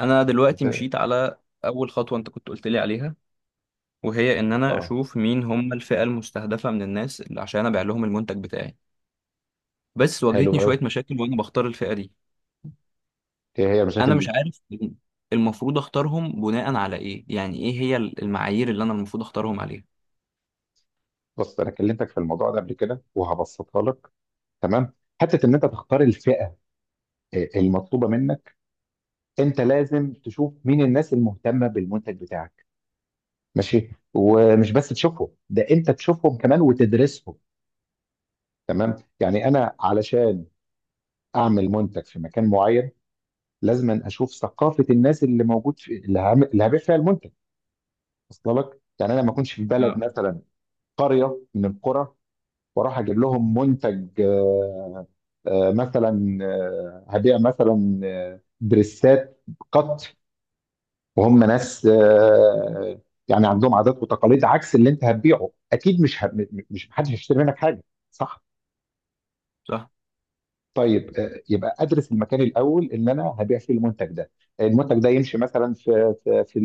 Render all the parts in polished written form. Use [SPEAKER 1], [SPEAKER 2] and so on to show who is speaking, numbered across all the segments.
[SPEAKER 1] انا دلوقتي
[SPEAKER 2] ازاي؟
[SPEAKER 1] مشيت على اول خطوه انت كنت قلت لي عليها، وهي ان انا
[SPEAKER 2] اه،
[SPEAKER 1] اشوف مين هم الفئه المستهدفه من الناس اللي عشان ابيع لهم المنتج بتاعي. بس
[SPEAKER 2] حلو
[SPEAKER 1] واجهتني
[SPEAKER 2] قوي.
[SPEAKER 1] شويه مشاكل وانا بختار الفئه دي.
[SPEAKER 2] هي
[SPEAKER 1] انا
[SPEAKER 2] المشاكل
[SPEAKER 1] مش
[SPEAKER 2] دي؟
[SPEAKER 1] عارف المفروض اختارهم بناء على ايه، يعني ايه هي المعايير اللي انا المفروض اختارهم عليها؟
[SPEAKER 2] بص، انا كلمتك في الموضوع ده قبل كده وهبسطها لك. تمام. حته ان انت تختار الفئه المطلوبه منك، انت لازم تشوف مين الناس المهتمه بالمنتج بتاعك. ماشي، ومش بس تشوفهم ده انت تشوفهم كمان وتدرسهم. تمام، يعني انا علشان اعمل منتج في مكان معين، لازم اشوف ثقافه الناس اللي موجود في اللي هبيع فيها المنتج. وصل لك؟ يعني انا ما اكونش في بلد
[SPEAKER 1] اه.
[SPEAKER 2] مثلا، قريه من القرى، واروح اجيب لهم منتج، مثلا، هبيع مثلا دريسات قط، وهم ناس يعني عندهم عادات وتقاليد عكس اللي انت هتبيعه، اكيد مش، محدش هيشتري منك حاجه. صح؟
[SPEAKER 1] صح.
[SPEAKER 2] طيب، يبقى ادرس المكان الاول اللي انا هبيع فيه المنتج ده. المنتج ده يمشي مثلا في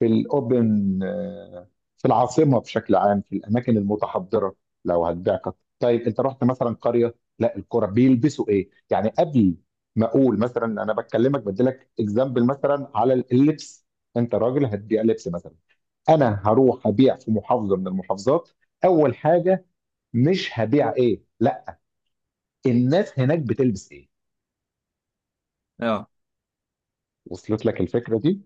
[SPEAKER 2] في الاوبن، في العاصمه بشكل عام، في الاماكن المتحضره. لو هتبيع قط، طيب انت رحت مثلا قريه لا القرى بيلبسوا ايه؟ يعني قبل ما اقول مثلا، انا بكلمك بديلك اكزامبل مثلا على اللبس. انت راجل هتبيع لبس مثلا، انا هروح ابيع في محافظه من المحافظات. اول حاجه، مش هبيع ايه؟ لا، الناس هناك بتلبس ايه؟
[SPEAKER 1] اه.
[SPEAKER 2] وصلت لك الفكره دي؟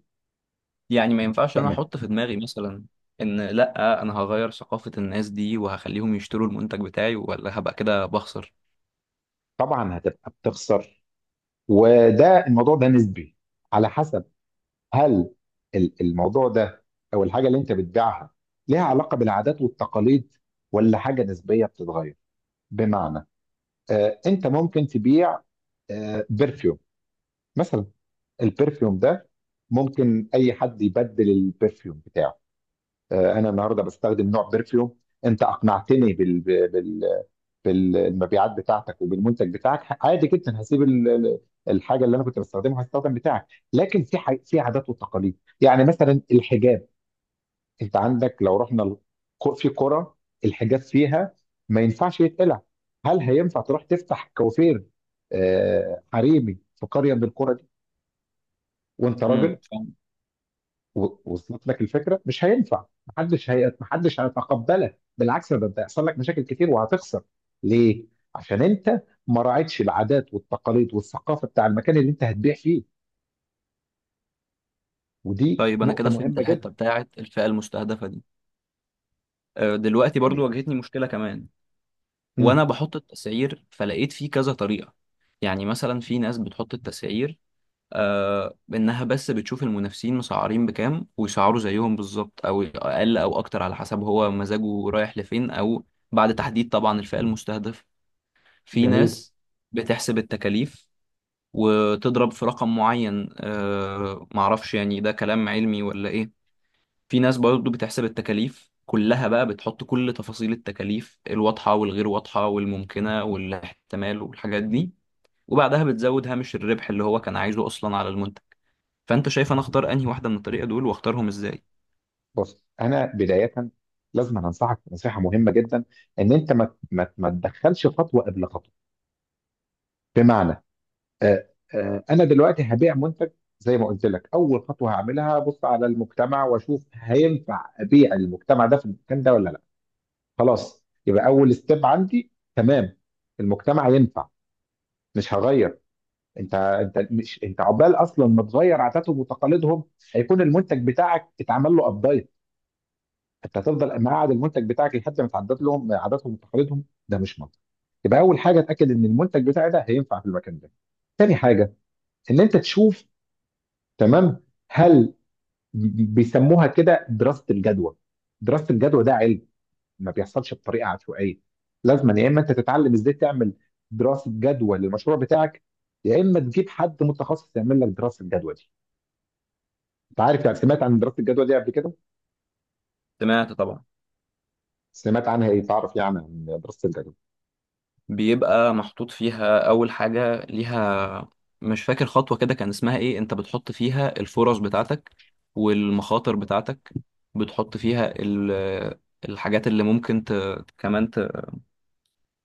[SPEAKER 1] يعني ما ينفعش انا
[SPEAKER 2] تمام،
[SPEAKER 1] احط في دماغي مثلا ان لا، انا هغير ثقافه الناس دي وهخليهم يشتروا المنتج بتاعي، ولا هبقى كده بخسر؟
[SPEAKER 2] طبعا هتبقى بتخسر. وده الموضوع ده نسبي، على حسب هل الموضوع ده او الحاجه اللي انت بتبيعها ليها علاقه بالعادات والتقاليد، ولا حاجه نسبيه بتتغير. بمعنى، انت ممكن تبيع برفيوم مثلا. البرفيوم ده ممكن اي حد يبدل البرفيوم بتاعه. انا النهارده بستخدم نوع برفيوم، انت اقنعتني بالمبيعات بتاعتك وبالمنتج بتاعك، عادي جدا هسيب الحاجه اللي انا كنت بستخدمها هستخدم بتاعك. لكن في في عادات وتقاليد يعني مثلا الحجاب. انت عندك لو رحنا في قرى الحجاب فيها ما ينفعش يتقلع. هل هينفع تروح تفتح كوافير حريمي في قريه من القرى دي وانت راجل؟
[SPEAKER 1] فاهم.
[SPEAKER 2] وصلت لك الفكره؟ مش هينفع، محدش هيتقبلك، بالعكس ده هيحصل لك مشاكل كتير وهتخسر. ليه؟ عشان انت ما راعيتش العادات والتقاليد والثقافه بتاع المكان اللي انت هتبيع فيه. ودي
[SPEAKER 1] طيب انا
[SPEAKER 2] نقطه
[SPEAKER 1] كده فهمت
[SPEAKER 2] مهمه
[SPEAKER 1] الحته
[SPEAKER 2] جدا.
[SPEAKER 1] بتاعت الفئه المستهدفه دي. دلوقتي برضو
[SPEAKER 2] جميل.
[SPEAKER 1] واجهتني مشكلة كمان وانا
[SPEAKER 2] مم.
[SPEAKER 1] بحط التسعير، فلقيت فيه كذا طريقة. يعني مثلا في ناس بتحط التسعير انها بس بتشوف المنافسين مسعرين بكام ويسعروا زيهم بالظبط او اقل او اكتر على حسب هو مزاجه رايح لفين، او بعد تحديد طبعا الفئة المستهدفة. في
[SPEAKER 2] جميل.
[SPEAKER 1] ناس بتحسب التكاليف وتضرب في رقم معين، معرفش يعني ده كلام علمي ولا ايه. في ناس برضه بتحسب التكاليف كلها بقى، بتحط كل تفاصيل التكاليف الواضحة والغير واضحة والممكنة والاحتمال والحاجات دي، وبعدها بتزود هامش الربح اللي هو كان عايزه أصلا على المنتج. فأنت شايف أنا أختار أنهي واحدة من الطريقة دول، وأختارهم إزاي؟
[SPEAKER 2] بص، انا بدايه لازم أنا انصحك نصيحه مهمه جدا، ان انت ما تدخلش خطوه قبل خطوه. بمعنى، آه، انا دلوقتي هبيع منتج، زي ما قلت لك اول خطوه هعملها، بص على المجتمع واشوف هينفع ابيع المجتمع ده في المكان ده ولا لا. خلاص، يبقى اول ستيب عندي تمام، المجتمع ينفع. مش هغير، انت عقبال اصلا ما تغير عاداتهم وتقاليدهم هيكون المنتج بتاعك اتعمل له، انت هتفضل مقعد المنتج بتاعك لحد ما تعدد لهم عاداتهم وتقاليدهم، ده مش منطق. يبقى اول حاجه اتاكد ان المنتج بتاعي ده هينفع في المكان ده. تاني حاجه، ان انت تشوف، تمام، هل بيسموها كده دراسه الجدوى. دراسه الجدوى ده علم، ما بيحصلش بطريقه عشوائيه. لازم يا اما انت تتعلم ازاي تعمل دراسه جدوى للمشروع بتاعك، يا اما تجيب حد متخصص يعمل لك دراسه الجدوى دي. انت عارف يعني، سمعت عن دراسه الجدوى دي قبل كده؟
[SPEAKER 1] سمعت طبعا.
[SPEAKER 2] سمعت عنها ايه تعرف يعني عن دراسه الجدوى؟
[SPEAKER 1] بيبقى محطوط فيها أول حاجة ليها، مش فاكر خطوة كده كان اسمها إيه، أنت بتحط فيها الفرص بتاعتك والمخاطر بتاعتك. بتحط فيها الحاجات اللي ممكن كمان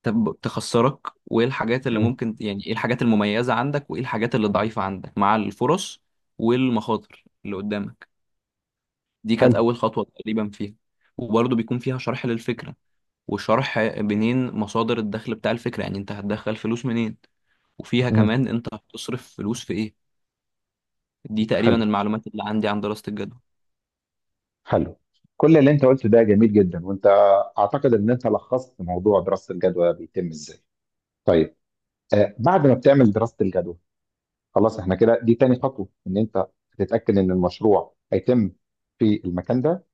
[SPEAKER 1] تخسرك. وايه الحاجات اللي
[SPEAKER 2] مم.
[SPEAKER 1] ممكن، يعني ايه الحاجات المميزة عندك وايه الحاجات اللي ضعيفة عندك، مع الفرص والمخاطر اللي قدامك. دي كانت
[SPEAKER 2] حلو.
[SPEAKER 1] أول خطوة تقريبا فيها. وبرضه بيكون فيها شرح للفكرة، وشرح منين مصادر الدخل بتاع الفكرة، يعني انت هتدخل فلوس منين، وفيها كمان انت هتصرف فلوس في ايه. دي تقريبا
[SPEAKER 2] حلو،
[SPEAKER 1] المعلومات اللي عندي عن دراسة الجدوى.
[SPEAKER 2] حلو، كل اللي انت قلته ده جميل جدا، وانت اعتقد ان انت لخصت موضوع دراسة الجدوى بيتم ازاي. طيب، بعد ما بتعمل دراسة الجدوى، خلاص احنا كده دي تاني خطوة ان انت تتأكد ان المشروع هيتم في المكان ده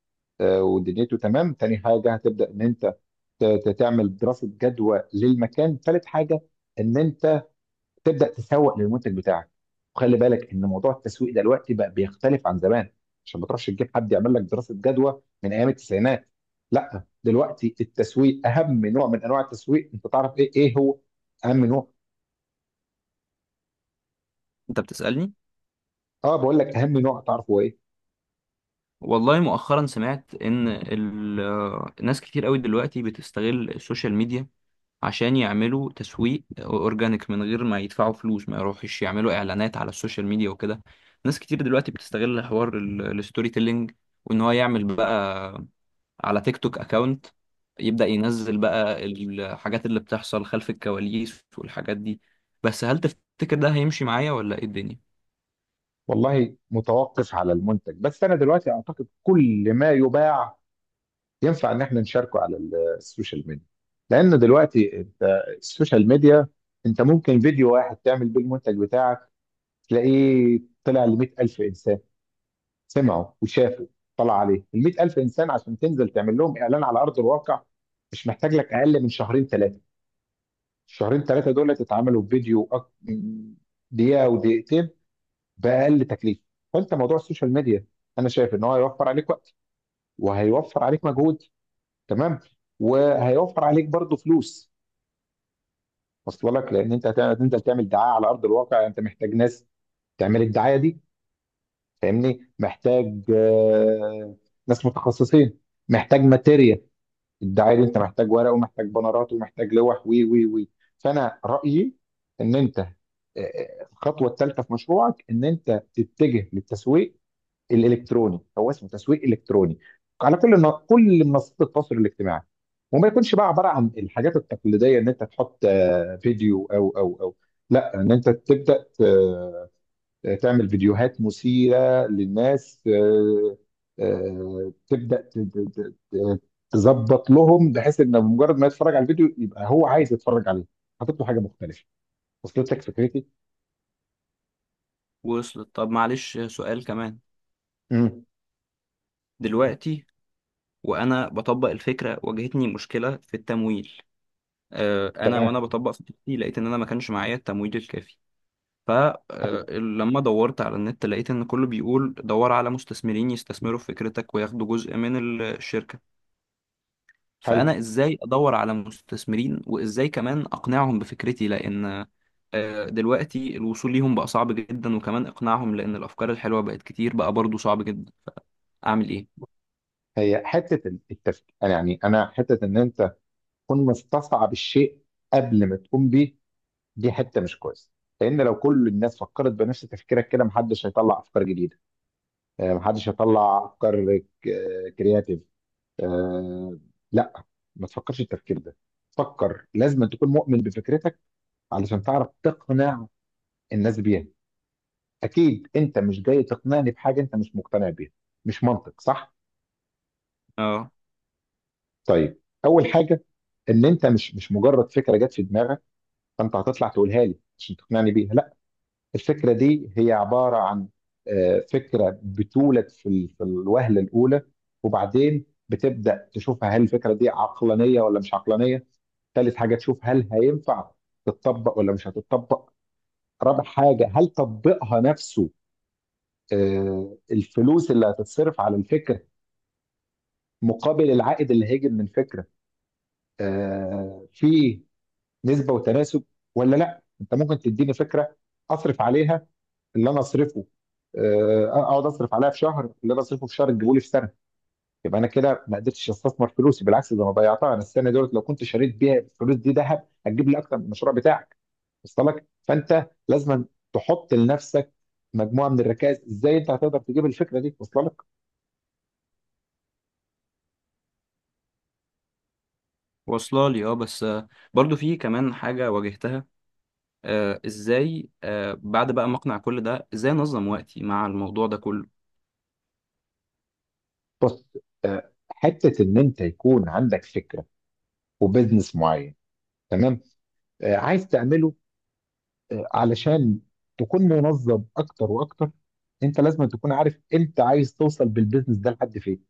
[SPEAKER 2] ودنيته. تمام، تاني حاجة هتبدأ ان انت تعمل دراسة جدوى للمكان. تالت حاجة، ان انت تبدا تسوق للمنتج بتاعك. وخلي بالك ان موضوع التسويق دلوقتي بقى بيختلف عن زمان، عشان ما تروحش تجيب حد يعمل لك دراسه جدوى من ايام التسعينات. لا، دلوقتي التسويق، اهم نوع من انواع التسويق، انت تعرف ايه هو اهم نوع؟
[SPEAKER 1] انت بتسألني؟
[SPEAKER 2] اه، بقول لك اهم نوع تعرفه ايه؟
[SPEAKER 1] والله مؤخرا سمعت ان ناس كتير قوي دلوقتي بتستغل السوشيال ميديا عشان يعملوا تسويق اورجانيك من غير ما يدفعوا فلوس، ما يروحش يعملوا اعلانات على السوشيال ميديا وكده. ناس كتير دلوقتي بتستغل حوار الستوري تيلينج، وان هو يعمل بقى على تيك توك اكاونت، يبدأ ينزل بقى الحاجات اللي بتحصل خلف الكواليس والحاجات دي. بس هل تفتكر ده هيمشي معايا ولا ايه الدنيا؟
[SPEAKER 2] والله، متوقف على المنتج، بس انا دلوقتي اعتقد كل ما يباع ينفع ان احنا نشاركه على السوشيال ميديا. لان دلوقتي انت السوشيال ميديا انت ممكن فيديو واحد تعمل بيه المنتج بتاعك تلاقيه طلع ل 100,000 إنسان، سمعوا وشافوا. طلع عليه ال 100,000 إنسان، عشان تنزل تعمل لهم إعلان على أرض الواقع، مش محتاج لك أقل من شهرين ثلاثة. الشهرين ثلاثة دول تتعاملوا دقيقة ودقيقتين بأقل تكليف. فأنت موضوع السوشيال ميديا أنا شايف إن هو هيوفر عليك وقت، وهيوفر عليك مجهود، تمام، وهيوفر عليك برضه فلوس. وصل لك؟ لأن أنت هتنزل تعمل دعاية على أرض الواقع، أنت محتاج ناس تعمل الدعايه دي، فاهمني؟ محتاج ناس متخصصين، محتاج ماتيريال. الدعايه دي انت محتاج ورق، ومحتاج بنرات، ومحتاج لوح، وي وي وي فانا رايي ان انت، الخطوه الثالثه في مشروعك ان انت تتجه للتسويق الالكتروني، هو اسمه تسويق الكتروني، على كل منصات التواصل الاجتماعي. وما يكونش بقى عباره عن الحاجات التقليديه ان انت تحط فيديو او او او لا، ان انت تبدا تعمل فيديوهات مثيرة للناس، تبدأ تظبط لهم بحيث ان مجرد ما يتفرج على الفيديو يبقى هو عايز يتفرج عليه، حاطط له حاجة مختلفة. وصلت لك فكرتي؟
[SPEAKER 1] وصلت. طب معلش سؤال كمان.
[SPEAKER 2] امم
[SPEAKER 1] دلوقتي وانا بطبق الفكرة، واجهتني مشكلة في التمويل. انا وانا
[SPEAKER 2] تمام.
[SPEAKER 1] بطبق خطتي لقيت ان انا ما كانش معايا التمويل الكافي.
[SPEAKER 2] حلو،
[SPEAKER 1] فلما دورت على النت لقيت ان كله بيقول دور على مستثمرين يستثمروا في فكرتك وياخدوا جزء من الشركة.
[SPEAKER 2] حلو.
[SPEAKER 1] فانا ازاي ادور على مستثمرين، وازاي كمان اقنعهم بفكرتي؟ لان دلوقتي الوصول ليهم بقى صعب جدا، وكمان اقناعهم لان الافكار الحلوة بقت كتير، بقى برضو صعب جدا. اعمل ايه؟
[SPEAKER 2] هي حتة التفكير، أنا يعني انا حتة ان انت تكون مستصعب الشيء قبل ما تقوم بيه، دي حتة مش كويسة. لان لو كل الناس فكرت بنفس تفكيرك كده، محدش هيطلع افكار جديدة، محدش هيطلع افكار كرياتيف. آه، لا، ما تفكرش التفكير ده. فكر، لازم تكون مؤمن بفكرتك علشان تعرف تقنع الناس بيها. اكيد انت مش جاي تقنعني بحاجه انت مش مقتنع بيها، مش منطق، صح؟
[SPEAKER 1] اه،
[SPEAKER 2] طيب، اول حاجه، ان انت مش مجرد فكره جت في دماغك فانت هتطلع تقولها لي عشان تقنعني بيها، لا. الفكره دي هي عباره عن فكره بتولد في في الوهله الاولى، وبعدين بتبدا تشوفها هل الفكره دي عقلانيه ولا مش عقلانيه. ثالث حاجة تشوف هل هينفع تتطبق ولا مش هتتطبق. رابع حاجة، هل تطبيقها نفسه، الفلوس اللي هتتصرف على الفكرة مقابل العائد اللي هيجي من الفكرة، في نسبة وتناسب ولا لا؟ انت ممكن تديني فكرة اصرف عليها اللي انا اصرفه، اقعد اصرف عليها في شهر اللي انا اصرفه في شهر تجيبه لي في سنة، يبقى انا كده ما قدرتش استثمر فلوسي، بالعكس ده انا ضيعتها. انا السنه دولت لو كنت شريت بيها الفلوس دي ذهب هتجيب لي اكتر من المشروع بتاعك. وصل لك؟ فانت لازم تحط لنفسك مجموعه من الركائز ازاي انت هتقدر تجيب الفكره دي. وصل لك؟
[SPEAKER 1] واصله لي، اه، بس برضو في كمان حاجة واجهتها. ازاي بعد بقى ما اقنع كل ده، ازاي انظم وقتي مع الموضوع ده كله؟
[SPEAKER 2] بص، حته ان انت يكون عندك فكره وبزنس معين، تمام، عايز تعمله، علشان تكون منظم اكتر واكتر، انت لازم تكون عارف انت عايز توصل بالبزنس ده لحد فين.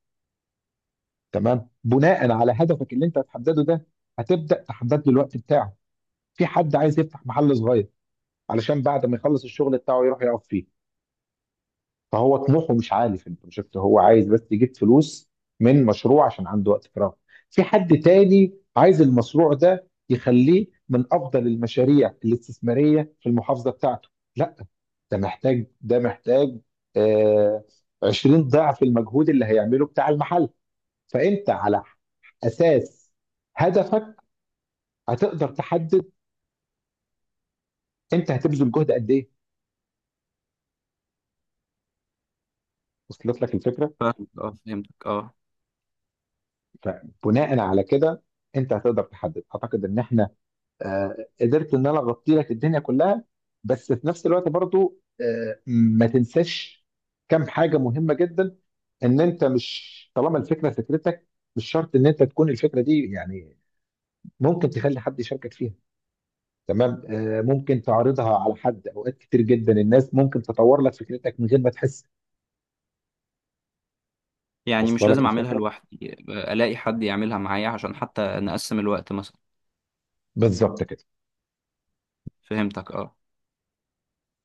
[SPEAKER 2] تمام، بناء على هدفك اللي انت هتحدده ده هتبدا تحدد له الوقت بتاعه. في حد عايز يفتح محل صغير علشان بعد ما يخلص الشغل بتاعه يروح يقف فيه، فهو طموحه مش عالي في البروجكت، هو عايز بس يجيب فلوس من مشروع عشان عنده وقت فراغ. في حد تاني عايز المشروع ده يخليه من افضل المشاريع الاستثماريه في المحافظه بتاعته، لا، ده محتاج، ده محتاج آه 20 ضعف المجهود اللي هيعمله بتاع المحل. فانت على اساس هدفك هتقدر تحدد انت هتبذل جهد قد ايه. وصلت لك الفكره؟
[SPEAKER 1] فاهمك، اه. فهمتك، اه.
[SPEAKER 2] فبناء على كده انت هتقدر تحدد. اعتقد ان احنا قدرت ان انا اغطي لك الدنيا كلها، بس في نفس الوقت برضو ما تنساش كم حاجه مهمه جدا. ان انت مش طالما الفكره فكرتك مش شرط ان انت تكون الفكره دي يعني، ممكن تخلي حد يشاركك فيها، تمام، ممكن تعرضها على حد، اوقات كتير جدا الناس ممكن تطور لك فكرتك من غير ما تحس.
[SPEAKER 1] يعني مش
[SPEAKER 2] وصل لك
[SPEAKER 1] لازم اعملها
[SPEAKER 2] الفكره؟
[SPEAKER 1] لوحدي، الاقي حد يعملها معايا عشان حتى نقسم الوقت مثلا.
[SPEAKER 2] بالظبط كده.
[SPEAKER 1] فهمتك، اه.